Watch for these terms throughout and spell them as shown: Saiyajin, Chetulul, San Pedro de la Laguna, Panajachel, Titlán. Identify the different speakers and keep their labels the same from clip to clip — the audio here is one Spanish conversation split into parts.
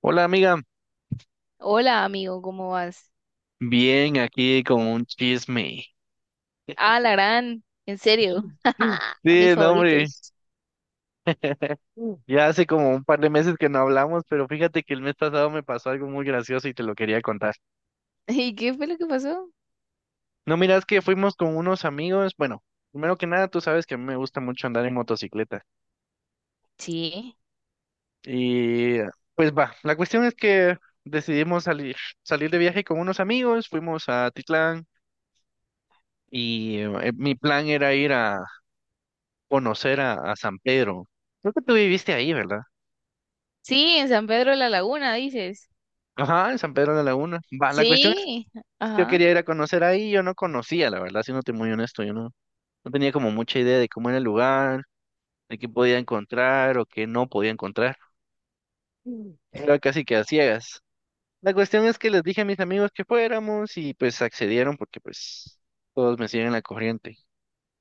Speaker 1: Hola amiga,
Speaker 2: Hola, amigo, ¿cómo vas?
Speaker 1: bien aquí con un chisme.
Speaker 2: Ah, la gran, en serio. Mis
Speaker 1: Sí, no, hombre,
Speaker 2: favoritos.
Speaker 1: ya hace como un par de meses que no hablamos, pero fíjate que el mes pasado me pasó algo muy gracioso y te lo quería contar.
Speaker 2: ¿Y qué fue lo que pasó?
Speaker 1: No, mira, es que fuimos con unos amigos, bueno, primero que nada, tú sabes que a mí me gusta mucho andar en motocicleta.
Speaker 2: Sí.
Speaker 1: Y pues va, la cuestión es que decidimos salir de viaje con unos amigos, fuimos a Titlán y mi plan era ir a conocer a San Pedro. Creo que tú viviste ahí, ¿verdad?
Speaker 2: Sí, en San Pedro de la Laguna, dices.
Speaker 1: Ajá, en San Pedro de la Laguna. Va, la cuestión es,
Speaker 2: Sí,
Speaker 1: yo
Speaker 2: ajá.
Speaker 1: quería ir a conocer ahí, yo no conocía, la verdad, siéndote muy honesto, yo no tenía como mucha idea de cómo era el lugar, de qué podía encontrar o qué no podía encontrar. Mm. Era casi que a ciegas. La cuestión es que les dije a mis amigos que fuéramos y pues accedieron porque pues todos me siguen la corriente.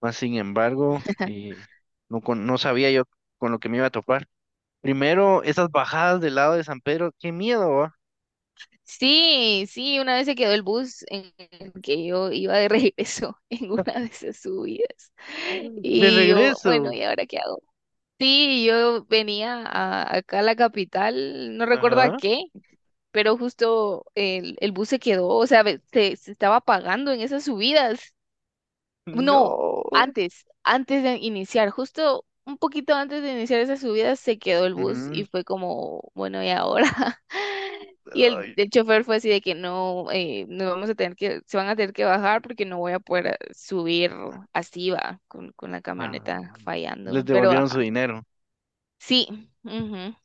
Speaker 1: Más sin embargo, no, no sabía yo con lo que me iba a topar. Primero, esas bajadas del lado de San Pedro, qué miedo, ¿va?
Speaker 2: Sí, sí, una vez se quedó el bus en el que yo iba de regreso en una de esas subidas.
Speaker 1: Mm. De
Speaker 2: Y yo, bueno,
Speaker 1: regreso.
Speaker 2: ¿y ahora qué hago? Sí, yo venía acá a la capital, no recuerdo a
Speaker 1: Ajá.
Speaker 2: qué, pero justo el bus se quedó, o sea, se estaba apagando en esas subidas. No,
Speaker 1: No.
Speaker 2: antes de iniciar, justo un poquito antes de iniciar esas subidas se quedó el bus y
Speaker 1: Ujú.
Speaker 2: fue como, bueno, ¿y ahora? Y el,
Speaker 1: Ay,
Speaker 2: el chofer fue así de que no, nos vamos a tener que, se van a tener que bajar porque no voy a poder subir así va, con la
Speaker 1: ah,
Speaker 2: camioneta
Speaker 1: les
Speaker 2: fallando, pero
Speaker 1: devolvieron
Speaker 2: baja.
Speaker 1: su dinero.
Speaker 2: Sí, ujú.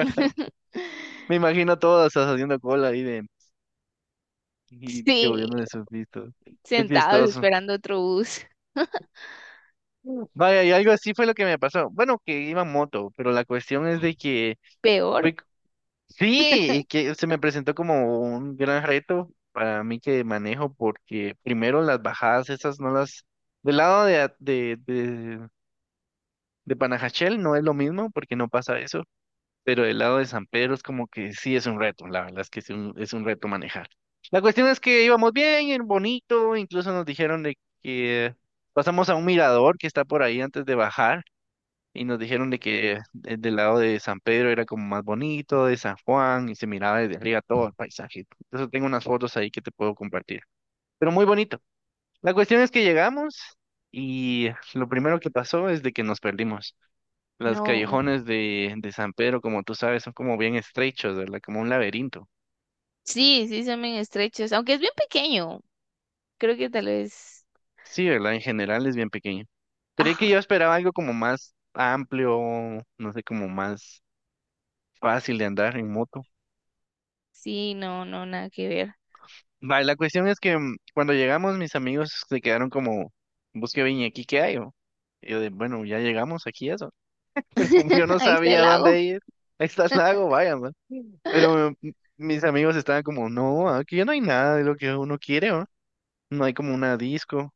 Speaker 1: Me imagino todas haciendo cola ahí de y
Speaker 2: Sí,
Speaker 1: devolviéndole sus vistos. Qué
Speaker 2: sentados
Speaker 1: chistoso.
Speaker 2: esperando otro bus.
Speaker 1: Vaya, y algo así fue lo que me pasó. Bueno, que iba en moto, pero la cuestión es de que
Speaker 2: Peor,
Speaker 1: fue- sí, y que se me presentó como un gran reto para mí que manejo, porque primero las bajadas esas no las, del lado de, a- de, de Panajachel no es lo mismo, porque no pasa eso. Pero del lado de San Pedro es como que sí es un reto, la verdad es que es un reto manejar. La cuestión es que íbamos bien, en bonito, incluso nos dijeron de que pasamos a un mirador que está por ahí antes de bajar y nos dijeron de que del lado de San Pedro era como más bonito, de San Juan y se miraba desde arriba todo el paisaje. Entonces tengo unas fotos ahí que te puedo compartir, pero muy bonito. La cuestión es que llegamos y lo primero que pasó es de que nos perdimos. Los
Speaker 2: no.
Speaker 1: callejones de San Pedro, como tú sabes, son como bien estrechos, ¿verdad? Como un laberinto.
Speaker 2: Sí, sí, son bien estrechos, aunque es bien pequeño. Creo que tal vez.
Speaker 1: Sí, ¿verdad? En general es bien pequeño. Creí que yo
Speaker 2: Ajá,
Speaker 1: esperaba algo como más amplio, no sé, como más fácil de andar en moto.
Speaker 2: sí, no, no, nada que ver.
Speaker 1: Va, y la cuestión es que cuando llegamos, mis amigos se quedaron como, busque bien, ¿y aquí qué hay? O?". Y yo de, bueno, ya llegamos aquí, eso. Pero como yo no
Speaker 2: Ahí está el
Speaker 1: sabía
Speaker 2: lago.
Speaker 1: dónde ir, ahí está el lago, vaya, man. Pero mis amigos estaban como, no, aquí no hay nada de lo que uno quiere, ¿no? No hay como una disco,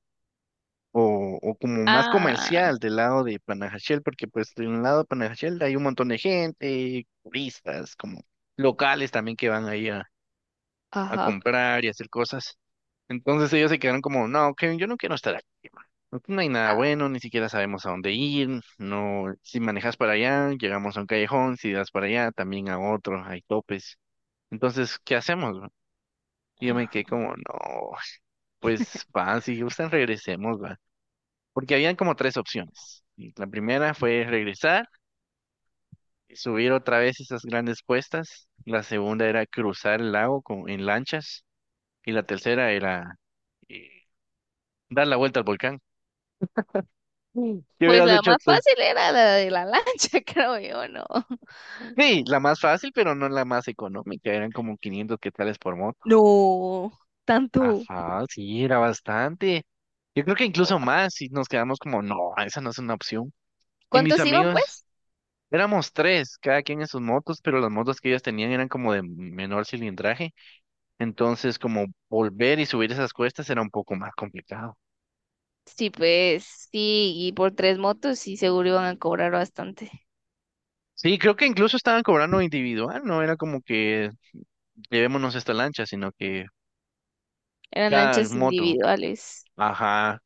Speaker 1: o como más
Speaker 2: Ah,
Speaker 1: comercial del lado de Panajachel, porque pues de un lado de Panajachel hay un montón de gente, turistas, como locales también que van ahí a
Speaker 2: ajá,
Speaker 1: comprar y hacer cosas. Entonces ellos se quedaron como, no, Kevin, yo no quiero estar aquí. Man. Aquí no hay nada
Speaker 2: ah.
Speaker 1: bueno, ni siquiera sabemos a dónde ir, no, si manejas para allá, llegamos a un callejón, si das para allá, también a otro, hay topes. Entonces, ¿qué hacemos? Man?". Y yo me quedé como, no, pues va, si gustan regresemos, va. Porque habían como tres opciones. Y la primera fue regresar y subir otra vez esas grandes cuestas. La segunda era cruzar el lago en lanchas. Y la tercera era eh, dar la vuelta al volcán. Mm. ¿Qué
Speaker 2: Pues
Speaker 1: hubieras
Speaker 2: la
Speaker 1: hecho
Speaker 2: más
Speaker 1: tú?
Speaker 2: fácil era la de la lancha, creo yo, ¿no?
Speaker 1: Sí, la más fácil, pero no la más económica. Eran como 500 quetzales por moto.
Speaker 2: No, tanto.
Speaker 1: Ajá, sí, era bastante. Yo creo que incluso más si nos quedamos como, no, esa no es una opción. Y mis
Speaker 2: ¿Cuántos iban,
Speaker 1: amigos,
Speaker 2: pues?
Speaker 1: éramos tres, cada quien en sus motos, pero las motos que ellos tenían eran como de menor cilindraje. Entonces, como volver y subir esas cuestas era un poco más complicado.
Speaker 2: Sí, pues, sí, y por tres motos, sí, seguro iban a cobrar bastante.
Speaker 1: Sí, creo que incluso estaban cobrando individual, no era como que llevémonos esta lancha, sino que
Speaker 2: Eran
Speaker 1: cada
Speaker 2: lanchas
Speaker 1: moto.
Speaker 2: individuales,
Speaker 1: Ajá.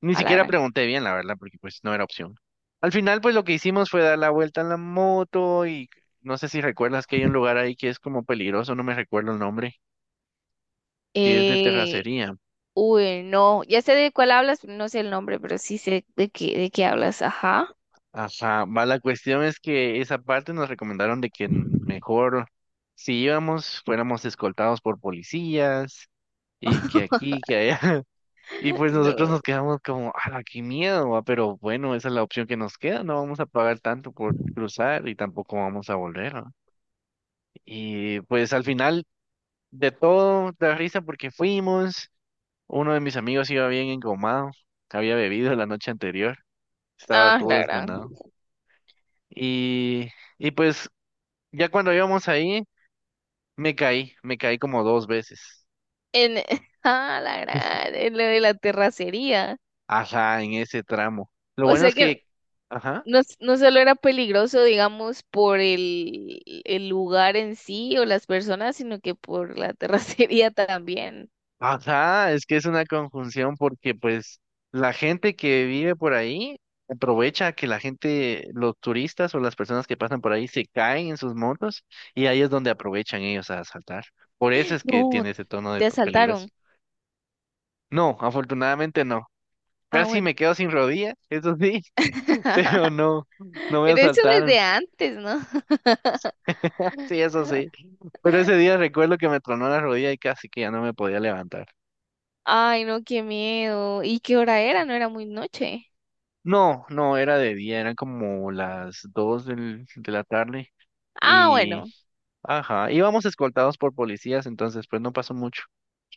Speaker 1: Ni
Speaker 2: a la
Speaker 1: siquiera
Speaker 2: gran.
Speaker 1: pregunté bien, la verdad, porque pues no era opción. Al final, pues lo que hicimos fue dar la vuelta en la moto y no sé si recuerdas que hay un lugar ahí que es como peligroso, no me recuerdo el nombre, que es de
Speaker 2: Eh,
Speaker 1: terracería.
Speaker 2: Uy, no, ya sé de cuál hablas, pero no sé el nombre, pero sí sé de qué hablas, ajá.
Speaker 1: Ajá, va, la cuestión es que esa parte nos recomendaron de que mejor si íbamos fuéramos escoltados por policías y que aquí, que allá. Y pues nosotros
Speaker 2: No.
Speaker 1: nos quedamos como, ah, qué miedo, va, pero bueno, esa es la opción que nos queda, no vamos a pagar tanto por cruzar y tampoco vamos a volver, ¿va? Y pues al final de todo, da risa porque fuimos, uno de mis amigos iba bien engomado, había bebido la noche anterior, estaba
Speaker 2: Ah,
Speaker 1: todo
Speaker 2: la gran.
Speaker 1: desganado. Y... Y pues ya cuando íbamos ahí, me caí como dos veces.
Speaker 2: En, ah, la gran, en lo de la terracería.
Speaker 1: Ajá, en ese tramo. Lo
Speaker 2: O
Speaker 1: bueno
Speaker 2: sea
Speaker 1: es
Speaker 2: que
Speaker 1: que, ajá,
Speaker 2: no, no solo era peligroso, digamos, por el lugar en sí o las personas, sino que por la terracería también.
Speaker 1: ajá, es que es una conjunción porque pues la gente que vive por ahí aprovecha que la gente, los turistas o las personas que pasan por ahí se caen en sus motos y ahí es donde aprovechan ellos a asaltar. Por eso es que
Speaker 2: No,
Speaker 1: tiene ese tono de
Speaker 2: te asaltaron.
Speaker 1: peligroso. No, afortunadamente no.
Speaker 2: Ah,
Speaker 1: Casi
Speaker 2: bueno.
Speaker 1: me quedo sin rodilla, eso sí, pero no, no me
Speaker 2: Pero eso
Speaker 1: asaltaron.
Speaker 2: desde antes, ¿no?
Speaker 1: Sí, eso sí. Pero ese día recuerdo que me tronó la rodilla y casi que ya no me podía levantar.
Speaker 2: Ay, no, qué miedo. ¿Y qué hora era? No era muy noche.
Speaker 1: No, no, era de día, eran como las dos de la tarde
Speaker 2: Ah,
Speaker 1: y,
Speaker 2: bueno.
Speaker 1: ajá, íbamos escoltados por policías, entonces pues no pasó mucho.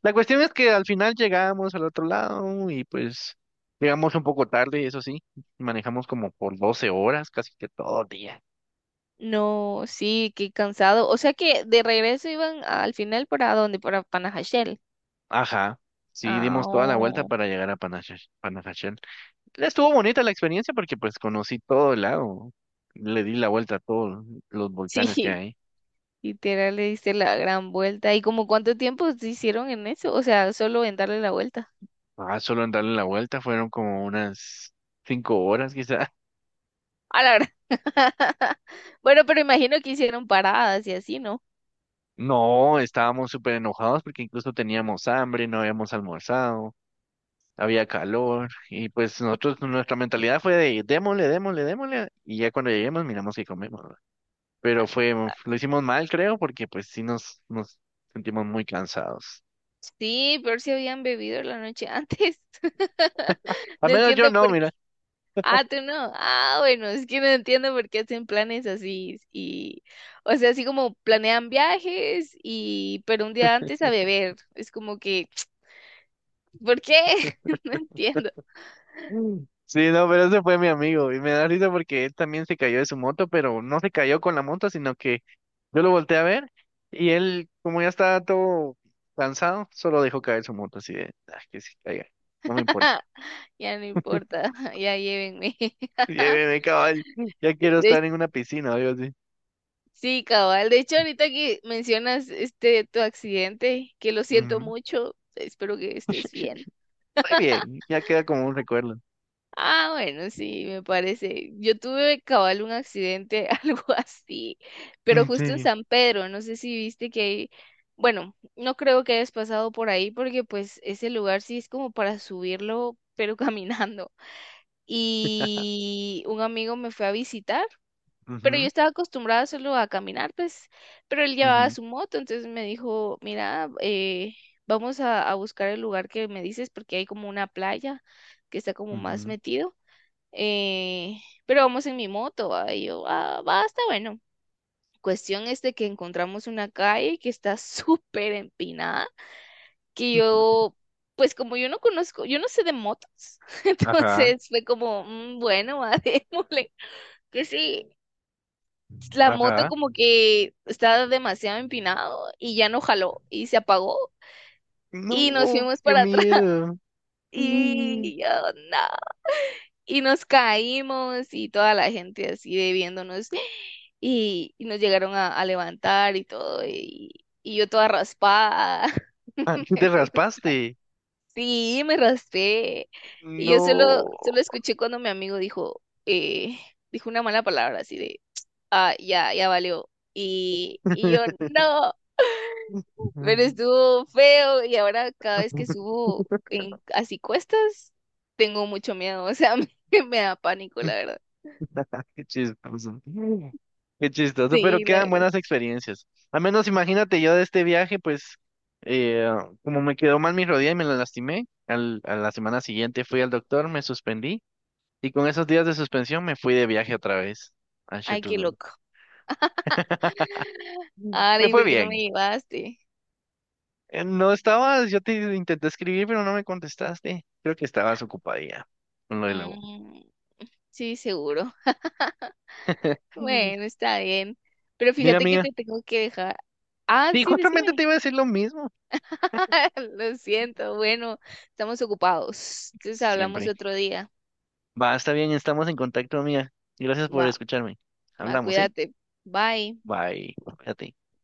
Speaker 1: La cuestión es que al final llegamos al otro lado y pues llegamos un poco tarde, eso sí, manejamos como por 12 horas, casi que todo el día.
Speaker 2: No, sí, qué cansado. O sea que de regreso iban al final para dónde, para Panajachel.
Speaker 1: Ajá, sí,
Speaker 2: Ah,
Speaker 1: dimos toda la vuelta
Speaker 2: oh,
Speaker 1: para llegar a Panajachel. Estuvo bonita la experiencia porque pues conocí todo el lago. Le di la vuelta a todos los volcanes que
Speaker 2: sí,
Speaker 1: hay.
Speaker 2: literal le diste la gran vuelta. ¿Y como cuánto tiempo se hicieron en eso? O sea, solo en darle la vuelta.
Speaker 1: Ah, solo en darle la vuelta fueron como unas 5 horas quizá.
Speaker 2: A la gran. Bueno, pero imagino que hicieron paradas y así, ¿no?
Speaker 1: No, estábamos súper enojados porque incluso teníamos hambre, no habíamos almorzado, había calor y pues nosotros, nuestra mentalidad fue de démosle, démosle, démosle y ya cuando lleguemos miramos qué comemos. ¿Verdad? Pero lo hicimos mal creo porque pues sí nos sentimos muy cansados.
Speaker 2: Sí, pero si habían bebido la noche antes.
Speaker 1: Al
Speaker 2: No
Speaker 1: menos yo
Speaker 2: entiendo
Speaker 1: no,
Speaker 2: por.
Speaker 1: mira.
Speaker 2: Ah, tú no. Ah, bueno, es que no entiendo por qué hacen planes así y, o sea, así como planean viajes y, pero un día antes a beber. Es como que, ¿por qué? No entiendo.
Speaker 1: Mm. Sí, no, pero ese fue mi amigo y me da risa porque él también se cayó de su moto, pero no se cayó con la moto, sino que yo lo volteé a ver y él, como ya estaba todo cansado, solo dejó caer su moto así de, "Ah, que se caiga, no me importa.
Speaker 2: Ya no importa, ya llévenme.
Speaker 1: Lléveme, caballo, ya
Speaker 2: De-
Speaker 1: quiero
Speaker 2: de-
Speaker 1: estar en una piscina, o algo así.
Speaker 2: sí, cabal. De hecho, ahorita que mencionas este tu accidente, que lo siento
Speaker 1: Ujú.
Speaker 2: mucho, espero que estés bien.
Speaker 1: Muy bien, ya queda como un recuerdo.
Speaker 2: Ah, bueno, sí, me parece. Yo tuve cabal un accidente, algo así, pero
Speaker 1: Mm,
Speaker 2: justo en
Speaker 1: sí.
Speaker 2: San Pedro, no sé si viste que hay, bueno, no creo que hayas pasado por ahí porque pues ese lugar sí es como para subirlo, pero caminando. Y un amigo me fue a visitar, pero yo
Speaker 1: Ujú,
Speaker 2: estaba acostumbrada solo a caminar, pues, pero él llevaba
Speaker 1: ujú,
Speaker 2: su moto, entonces me dijo, mira, vamos a buscar el lugar que me dices porque hay como una playa que está como más
Speaker 1: ujú,
Speaker 2: metido pero vamos en mi moto, ¿va? Y yo, ah, va, está bueno. Cuestión es de que encontramos una calle que está súper empinada, que
Speaker 1: ujú.
Speaker 2: yo, pues como yo no conozco, yo no sé de motos,
Speaker 1: Ajá,
Speaker 2: entonces fue como, "Mm, bueno, va, démosle". Que sí, la moto
Speaker 1: ajá.
Speaker 2: como que estaba demasiado empinado y ya no jaló y se apagó y nos
Speaker 1: No,
Speaker 2: fuimos
Speaker 1: qué
Speaker 2: para atrás
Speaker 1: miedo. Mm.
Speaker 2: y yo, no, y nos caímos y toda la gente así de viéndonos y nos llegaron a levantar y todo y yo toda raspada.
Speaker 1: Ah, tú te raspaste.
Speaker 2: Sí, me raspé y yo solo,
Speaker 1: No.
Speaker 2: solo escuché cuando mi amigo dijo, dijo una mala palabra así de, ah, ya, ya valió. Y yo, no, pero estuvo feo y ahora cada vez que subo en así cuestas, tengo mucho miedo, o sea, me da pánico, la verdad.
Speaker 1: Qué chistoso. Qué chistoso, pero
Speaker 2: Sí, la-.
Speaker 1: quedan buenas experiencias. Al menos imagínate yo de este viaje, pues eh, como me quedó mal mi rodilla y me la lastimé, a la semana siguiente fui al doctor, me suspendí y con esos días de suspensión me fui de viaje otra vez a
Speaker 2: Ay, qué
Speaker 1: Chetulul.
Speaker 2: loco.
Speaker 1: Mm.
Speaker 2: Ahora,
Speaker 1: Me
Speaker 2: ¿y
Speaker 1: fue
Speaker 2: por qué no me
Speaker 1: bien.
Speaker 2: llevaste?
Speaker 1: No estabas, yo te intenté escribir, pero no me contestaste. Creo que estabas ocupada ya con lo de la U.
Speaker 2: Mm, sí, seguro.
Speaker 1: Mm.
Speaker 2: Bueno, está bien. Pero
Speaker 1: Mira,
Speaker 2: fíjate que
Speaker 1: amiga.
Speaker 2: te tengo que dejar. Ah,
Speaker 1: Sí,
Speaker 2: sí,
Speaker 1: justamente te
Speaker 2: decime.
Speaker 1: iba a decir lo mismo.
Speaker 2: Lo siento. Bueno, estamos ocupados. Entonces hablamos
Speaker 1: Siempre.
Speaker 2: otro día.
Speaker 1: Va, está bien, estamos en contacto, amiga. Gracias por
Speaker 2: Va,
Speaker 1: escucharme.
Speaker 2: va,
Speaker 1: Hablamos, ¿sí?
Speaker 2: cuídate. Bye.
Speaker 1: Bye. Cuídate.